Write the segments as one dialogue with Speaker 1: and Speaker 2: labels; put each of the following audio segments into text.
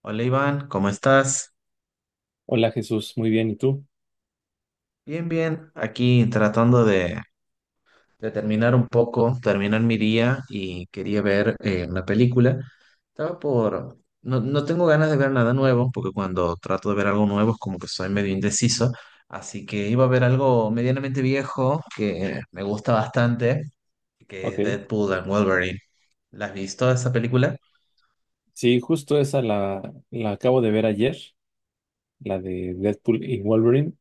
Speaker 1: Hola Iván, ¿cómo estás?
Speaker 2: Hola Jesús, muy bien, ¿y tú?
Speaker 1: Bien, bien, aquí tratando de terminar un poco, terminar mi día y quería ver una película. No, no tengo ganas de ver nada nuevo, porque cuando trato de ver algo nuevo es como que soy medio indeciso, así que iba a ver algo medianamente viejo que me gusta bastante, que es
Speaker 2: Ok.
Speaker 1: Deadpool and Wolverine. ¿Las has visto esa película?
Speaker 2: Sí, justo esa la acabo de ver ayer, la de Deadpool y Wolverine,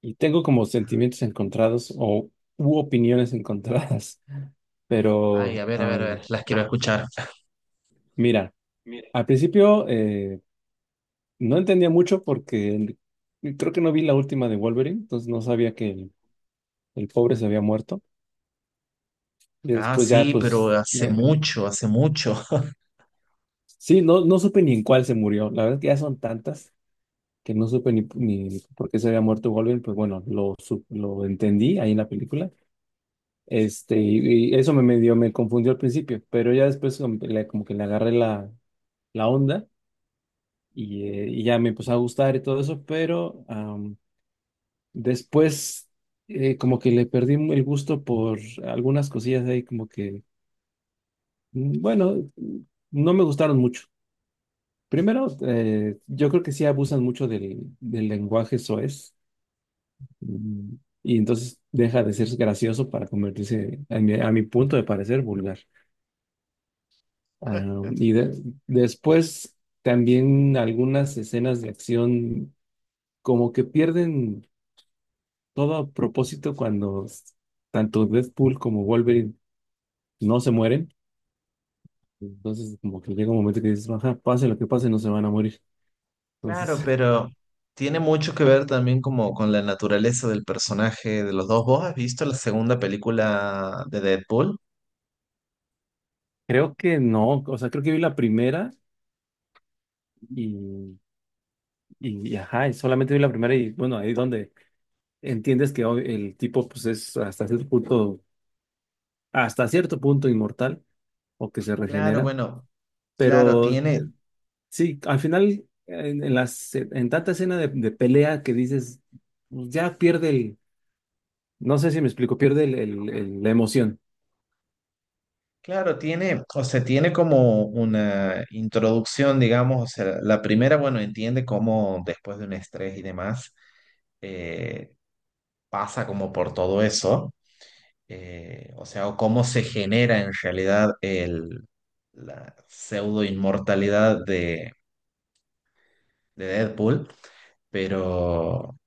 Speaker 2: y tengo como sentimientos encontrados o u opiniones encontradas,
Speaker 1: Ay,
Speaker 2: pero
Speaker 1: a ver, a ver, a ver, las quiero escuchar.
Speaker 2: mira, al principio no entendía mucho porque creo que no vi la última de Wolverine, entonces no sabía que el pobre se había muerto, y
Speaker 1: Ah,
Speaker 2: después ya
Speaker 1: sí, pero
Speaker 2: pues,
Speaker 1: hace
Speaker 2: eh,
Speaker 1: mucho, hace mucho.
Speaker 2: sí, no supe ni en cuál se murió, la verdad es que ya son tantas que no supe ni por qué se había muerto Wolverine, pues bueno, lo entendí ahí en la película. Este, y eso me medio me confundió al principio, pero ya después como que le agarré la onda y ya me empezó a gustar y todo eso, pero después como que le perdí el gusto por algunas cosillas ahí, como que, mm, bueno, no me gustaron mucho. Primero, yo creo que sí abusan mucho del lenguaje soez. Mm. Y entonces deja de ser gracioso para convertirse, a mi punto de parecer, vulgar. Ah, y de- después también algunas escenas de acción como que pierden todo propósito tanto Deadpool como Wolverine no se mueren. Entonces como que llega un momento que dices, ajá, pase lo que pase, no se van a morir. Entonces
Speaker 1: Claro, pero tiene mucho que ver también como con la naturaleza del personaje de los dos. ¿Vos has visto la segunda película de Deadpool?
Speaker 2: creo que no, o sea, creo que vi la primera y, y ajá, y solamente vi la primera y bueno, ahí donde entiendes que hoy el tipo pues es hasta cierto punto inmortal o que se
Speaker 1: Claro,
Speaker 2: regenera,
Speaker 1: bueno, claro,
Speaker 2: pero
Speaker 1: tiene,
Speaker 2: sí, al final en tanta escena de pelea que dices, pues, ya pierde el, no sé si me explico, pierde la emoción.
Speaker 1: o sea, tiene como una introducción, digamos, o sea, la primera, bueno, entiende cómo después de un estrés y demás, eh, pasa como por todo eso, o sea, o cómo se genera en realidad el, la pseudo inmortalidad de Deadpool, pero,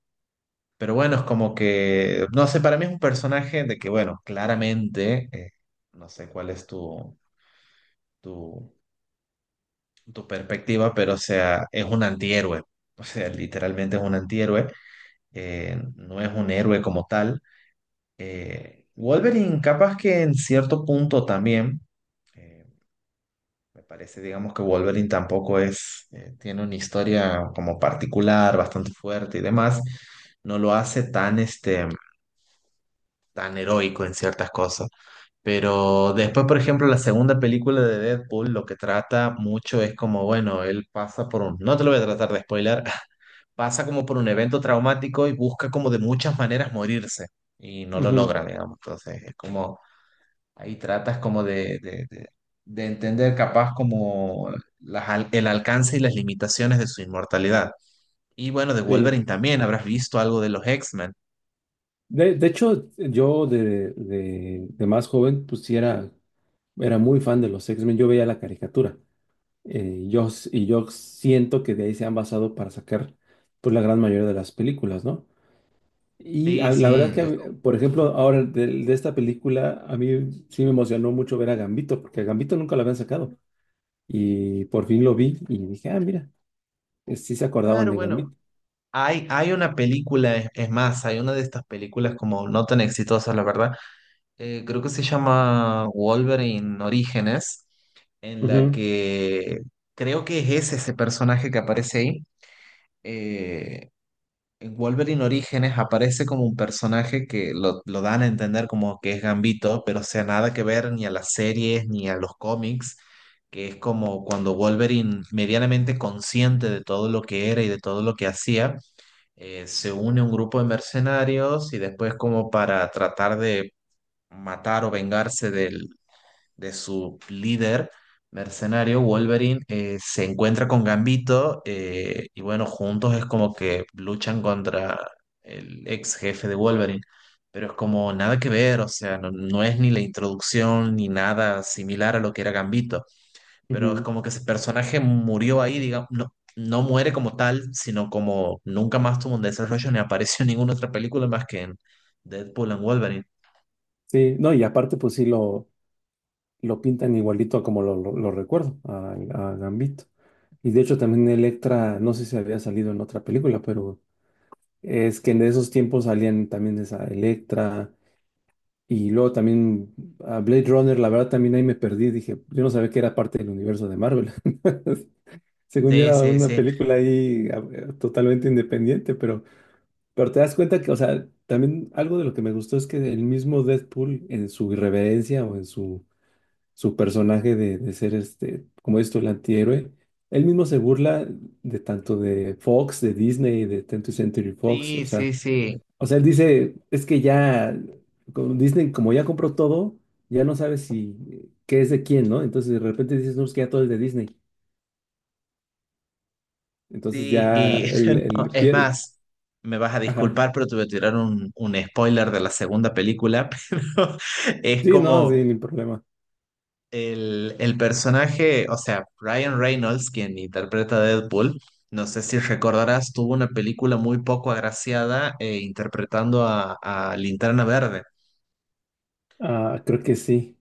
Speaker 1: pero bueno, es como que, no sé, para mí es un personaje de que, bueno, claramente, no sé cuál es tu, tu, tu, perspectiva, pero o sea, es un antihéroe, o sea, literalmente es un antihéroe, no es un héroe como tal. Wolverine, capaz que en cierto punto también, eh, me parece, digamos que Wolverine tampoco es, tiene una historia como particular, bastante fuerte y demás, no lo hace tan este tan heroico en ciertas cosas. Pero después, por ejemplo, la segunda película de Deadpool lo que trata mucho es como, bueno, él pasa por un, no te lo voy a tratar de spoiler, pasa como por un evento traumático y busca como de muchas maneras morirse y no lo
Speaker 2: Ujú.
Speaker 1: logra, digamos. Entonces, es como, ahí tratas como de entender capaz como el alcance y las limitaciones de su inmortalidad. Y bueno, de
Speaker 2: Sí.
Speaker 1: Wolverine también, habrás visto algo de los X-Men.
Speaker 2: De hecho, yo de más joven, pues sí era muy fan de los X-Men. Yo veía la caricatura. Y yo siento que de ahí se han basado para sacar pues, la gran mayoría de las películas, ¿no? Y
Speaker 1: Sí,
Speaker 2: a- la verdad es
Speaker 1: sí,
Speaker 2: que, a mí, por ejemplo, ahora de esta película, a mí sí me emocionó mucho ver a Gambito, porque a Gambito nunca lo habían sacado. Y por fin lo vi y dije, ah, mira, sí se acordaban
Speaker 1: claro,
Speaker 2: de
Speaker 1: bueno.
Speaker 2: Gambito.
Speaker 1: Hay una película, es más, hay una de estas películas como no tan exitosas, la verdad. Creo que se llama Wolverine Orígenes, en la
Speaker 2: Ujú,
Speaker 1: que creo que es ese, ese personaje que aparece ahí. Eh, en Wolverine Orígenes aparece como un personaje que lo dan a entender como que es Gambito, pero o sea, nada que ver ni a las series ni a los cómics, que es como cuando Wolverine, medianamente consciente de todo lo que era y de todo lo que hacía, se une un grupo de mercenarios y después como para tratar de matar o vengarse del, de su líder mercenario, Wolverine se encuentra con Gambito y bueno, juntos es como que luchan contra el ex jefe de Wolverine. Pero es como nada que ver, o sea, no, no es ni la introducción ni nada similar a lo que era Gambito, pero es
Speaker 2: ujú.
Speaker 1: como que ese personaje murió ahí, digamos, no, no muere como tal, sino como nunca más tuvo un desarrollo ni apareció en ninguna otra película más que en Deadpool and Wolverine.
Speaker 2: Sí, no, y aparte, pues sí lo pintan igualito a como lo recuerdo, a Gambito. Y de hecho, también Electra, no sé si había salido en otra película, pero. Es que en esos tiempos salían también esa Electra y luego también a Blade Runner, la verdad también ahí me perdí, dije, yo no sabía que era parte del universo de Marvel. Según yo
Speaker 1: Sí,
Speaker 2: era
Speaker 1: sí,
Speaker 2: una
Speaker 1: sí,
Speaker 2: película ahí totalmente independiente, pero, te das cuenta que, o sea, también algo de lo que me gustó es que el mismo Deadpool en su irreverencia o en su personaje de ser este, como esto, el antihéroe, él mismo se burla de tanto de Fox, de Disney, de 20th Century Fox, o
Speaker 1: sí,
Speaker 2: sea
Speaker 1: sí, sí,
Speaker 2: o sea, él dice, es que ya con Disney, como ya compró todo, ya no sabes si qué es de quién, ¿no? Entonces de repente dices, no, es que ya todo es de Disney. Entonces
Speaker 1: sí,
Speaker 2: ya
Speaker 1: y
Speaker 2: el, el
Speaker 1: es
Speaker 2: pier-.
Speaker 1: más, me vas a
Speaker 2: Ajá.
Speaker 1: disculpar, pero te voy a tirar un spoiler de la segunda película, pero es
Speaker 2: Sí, no, sí,
Speaker 1: como
Speaker 2: ni problema.
Speaker 1: el personaje, o sea, Ryan Reynolds, quien interpreta a Deadpool, no sé si recordarás, tuvo una película muy poco agraciada interpretando a Linterna Verde.
Speaker 2: Ah, creo que sí.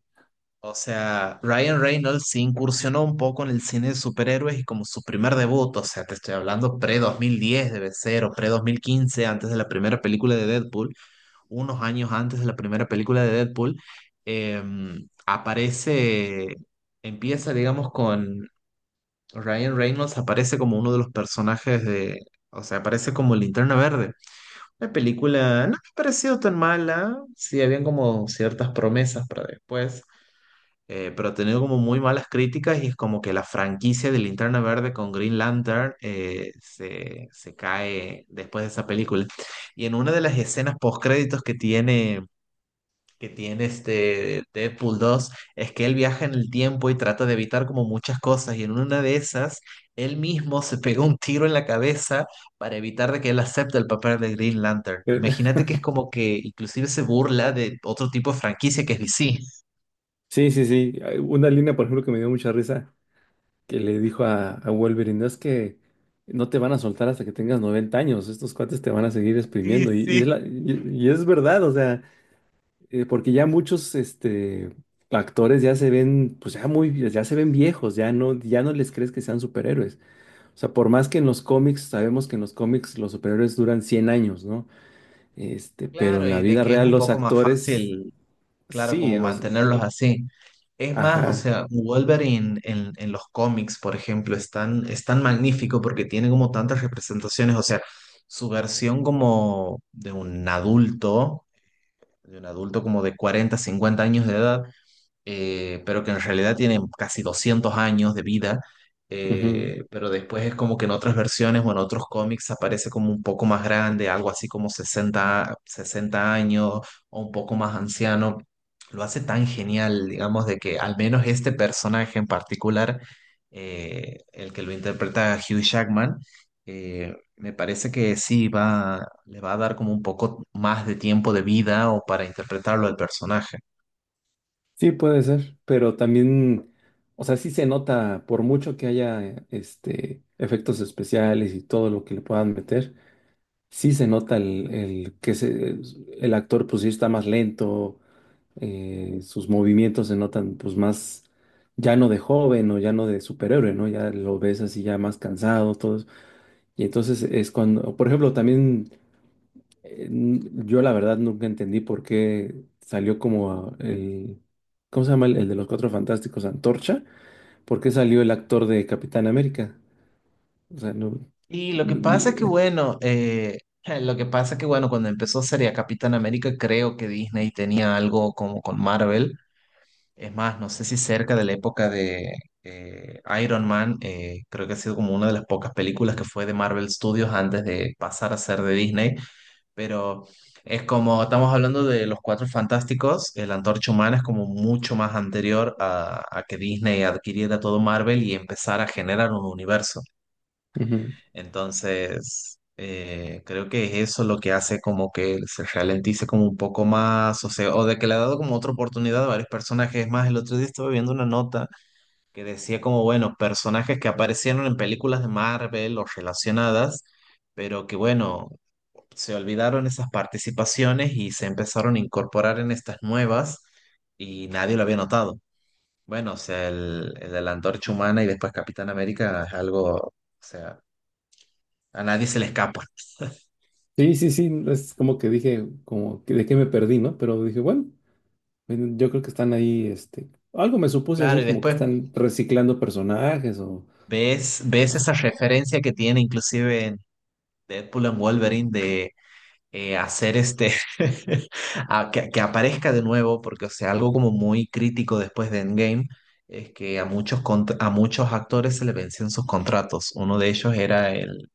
Speaker 1: O sea, Ryan Reynolds se incursionó un poco en el cine de superhéroes y como su primer debut, o sea, te estoy hablando pre-2010 dos debe ser, o pre 2015 antes de la primera película de Deadpool, unos años antes de la primera película de Deadpool, aparece empieza, digamos, con Ryan Reynolds, aparece como uno de los personajes de, o sea, aparece como Linterna Verde. La película no me ha parecido tan mala, sí, habían como ciertas promesas para después, pero ha tenido como muy malas críticas y es como que la franquicia de Linterna Verde con Green Lantern se cae después de esa película. Y en una de las escenas postcréditos que tiene este Deadpool 2 es que él viaja en el tiempo y trata de evitar como muchas cosas y en una de esas él mismo se pega un tiro en la cabeza para evitar de que él acepte el papel de Green Lantern.
Speaker 2: Eh,
Speaker 1: Imagínate que es como que inclusive se burla de otro tipo de franquicia que es DC.
Speaker 2: Sí, sí, sí. Hay una línea, por ejemplo, que me dio mucha risa, que le dijo a Wolverine: "No, es que no te van a soltar hasta que tengas 90 años, estos cuates te van a seguir
Speaker 1: Sí,
Speaker 2: exprimiendo". Y, y es
Speaker 1: sí.
Speaker 2: la- y- y es verdad, o sea, porque ya muchos este, actores ya se ven, pues ya muy, ya se ven viejos, ya no, ya no les crees que sean superhéroes. O sea, por más que en los cómics, sabemos que en los cómics los superhéroes duran 100 años, ¿no? Este, pero
Speaker 1: Claro,
Speaker 2: en la
Speaker 1: y de
Speaker 2: vida
Speaker 1: que es
Speaker 2: real
Speaker 1: un
Speaker 2: los
Speaker 1: poco más
Speaker 2: actores,
Speaker 1: fácil. Claro,
Speaker 2: sí,
Speaker 1: como
Speaker 2: o sea,
Speaker 1: mantenerlos así. Es más, o
Speaker 2: ajá,
Speaker 1: sea, Wolverine en los cómics, por ejemplo, es tan magnífico porque tiene como tantas representaciones, o sea, su versión como de un adulto como de 40, 50 años de edad, pero que en realidad tienen casi 200 años de vida,
Speaker 2: ujú.
Speaker 1: pero después es como que en otras versiones o en otros cómics aparece como un poco más grande, algo así como 60, 60 años o un poco más anciano. Lo hace tan genial, digamos, de que al menos este personaje en particular, el que lo interpreta Hugh Jackman, me parece que sí va, le va a dar como un poco más de tiempo de vida o para interpretarlo al personaje.
Speaker 2: Sí puede ser, pero también, o sea, sí se nota, por mucho que haya este, efectos especiales y todo lo que le puedan meter. Sí se nota el actor pues sí está más lento, sus movimientos se notan pues más ya no de joven o ya no de superhéroe, ¿no? Ya lo ves así ya más cansado, todo eso. Y entonces es cuando, por ejemplo, también eh, n- yo la verdad nunca entendí por qué salió ¿cómo se llama? El de los Cuatro Fantásticos, Antorcha, ¿por qué salió el actor de Capitán América? O sea, no.
Speaker 1: Y lo que
Speaker 2: n-
Speaker 1: pasa es que,
Speaker 2: n-
Speaker 1: bueno, lo que pasa es que, bueno, cuando empezó sería Capitán América, creo que Disney tenía algo como con Marvel. Es más, no sé si cerca de la época de Iron Man, creo que ha sido como una de las pocas películas que fue de Marvel Studios antes de pasar a ser de Disney, pero es como, estamos hablando de Los Cuatro Fantásticos, el Antorcha Humana es como mucho más anterior a que Disney adquiriera todo Marvel y empezara a generar un universo.
Speaker 2: Ujú.
Speaker 1: Entonces, creo que es eso lo que hace como que se ralentice como un poco más, o sea, o de que le ha dado como otra oportunidad a varios personajes. Es más, el otro día estuve viendo una nota que decía como, bueno, personajes que aparecieron en películas de Marvel o relacionadas, pero que bueno, se olvidaron esas participaciones y se empezaron a incorporar en estas nuevas y nadie lo había notado. Bueno, o sea, el de la Antorcha Humana y después Capitán América es algo, o sea, a nadie se le escapa.
Speaker 2: Sí, sí, sí, es como que dije, como que de qué me perdí, ¿no? Pero dije, bueno, bueno, yo creo que están ahí, este, algo me supuse
Speaker 1: Claro,
Speaker 2: así
Speaker 1: y
Speaker 2: como que
Speaker 1: después
Speaker 2: están reciclando personajes o,
Speaker 1: ves, ves
Speaker 2: o sea,
Speaker 1: esa referencia que tiene inclusive en Deadpool and Wolverine de hacer este, a que aparezca de nuevo, porque o sea, algo como muy crítico después de Endgame es que a muchos, a muchos actores se le vencían sus contratos. Uno de ellos era el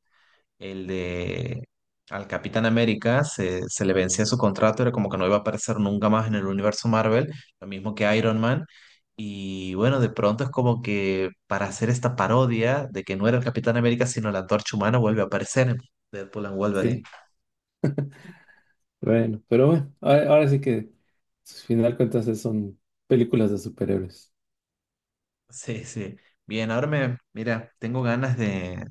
Speaker 1: El de al Capitán América se le vencía su contrato, era como que no iba a aparecer nunca más en el universo Marvel, lo mismo que Iron Man. Y bueno, de pronto es como que para hacer esta parodia de que no era el Capitán América, sino la Antorcha Humana, vuelve a aparecer en Deadpool and Wolverine.
Speaker 2: sí, bueno, pero bueno, ahora, ahora sí que, al final cuentas, son películas de superhéroes.
Speaker 1: Sí, sí. Bien, ahora me, mira, tengo ganas de,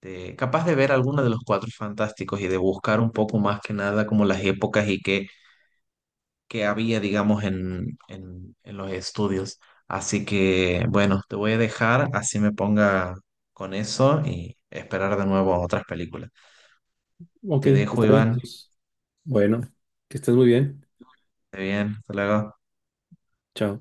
Speaker 1: capaz de ver alguno de los Cuatro Fantásticos y de buscar un poco más que nada como las épocas y que había, digamos, en, en los estudios. Así que, bueno, te voy a dejar, así me ponga con eso y esperar de nuevo otras películas.
Speaker 2: Ok,
Speaker 1: Te dejo,
Speaker 2: está bien,
Speaker 1: Iván.
Speaker 2: Jesús. Bueno, que estés muy bien.
Speaker 1: Esté bien, hasta luego.
Speaker 2: Chao.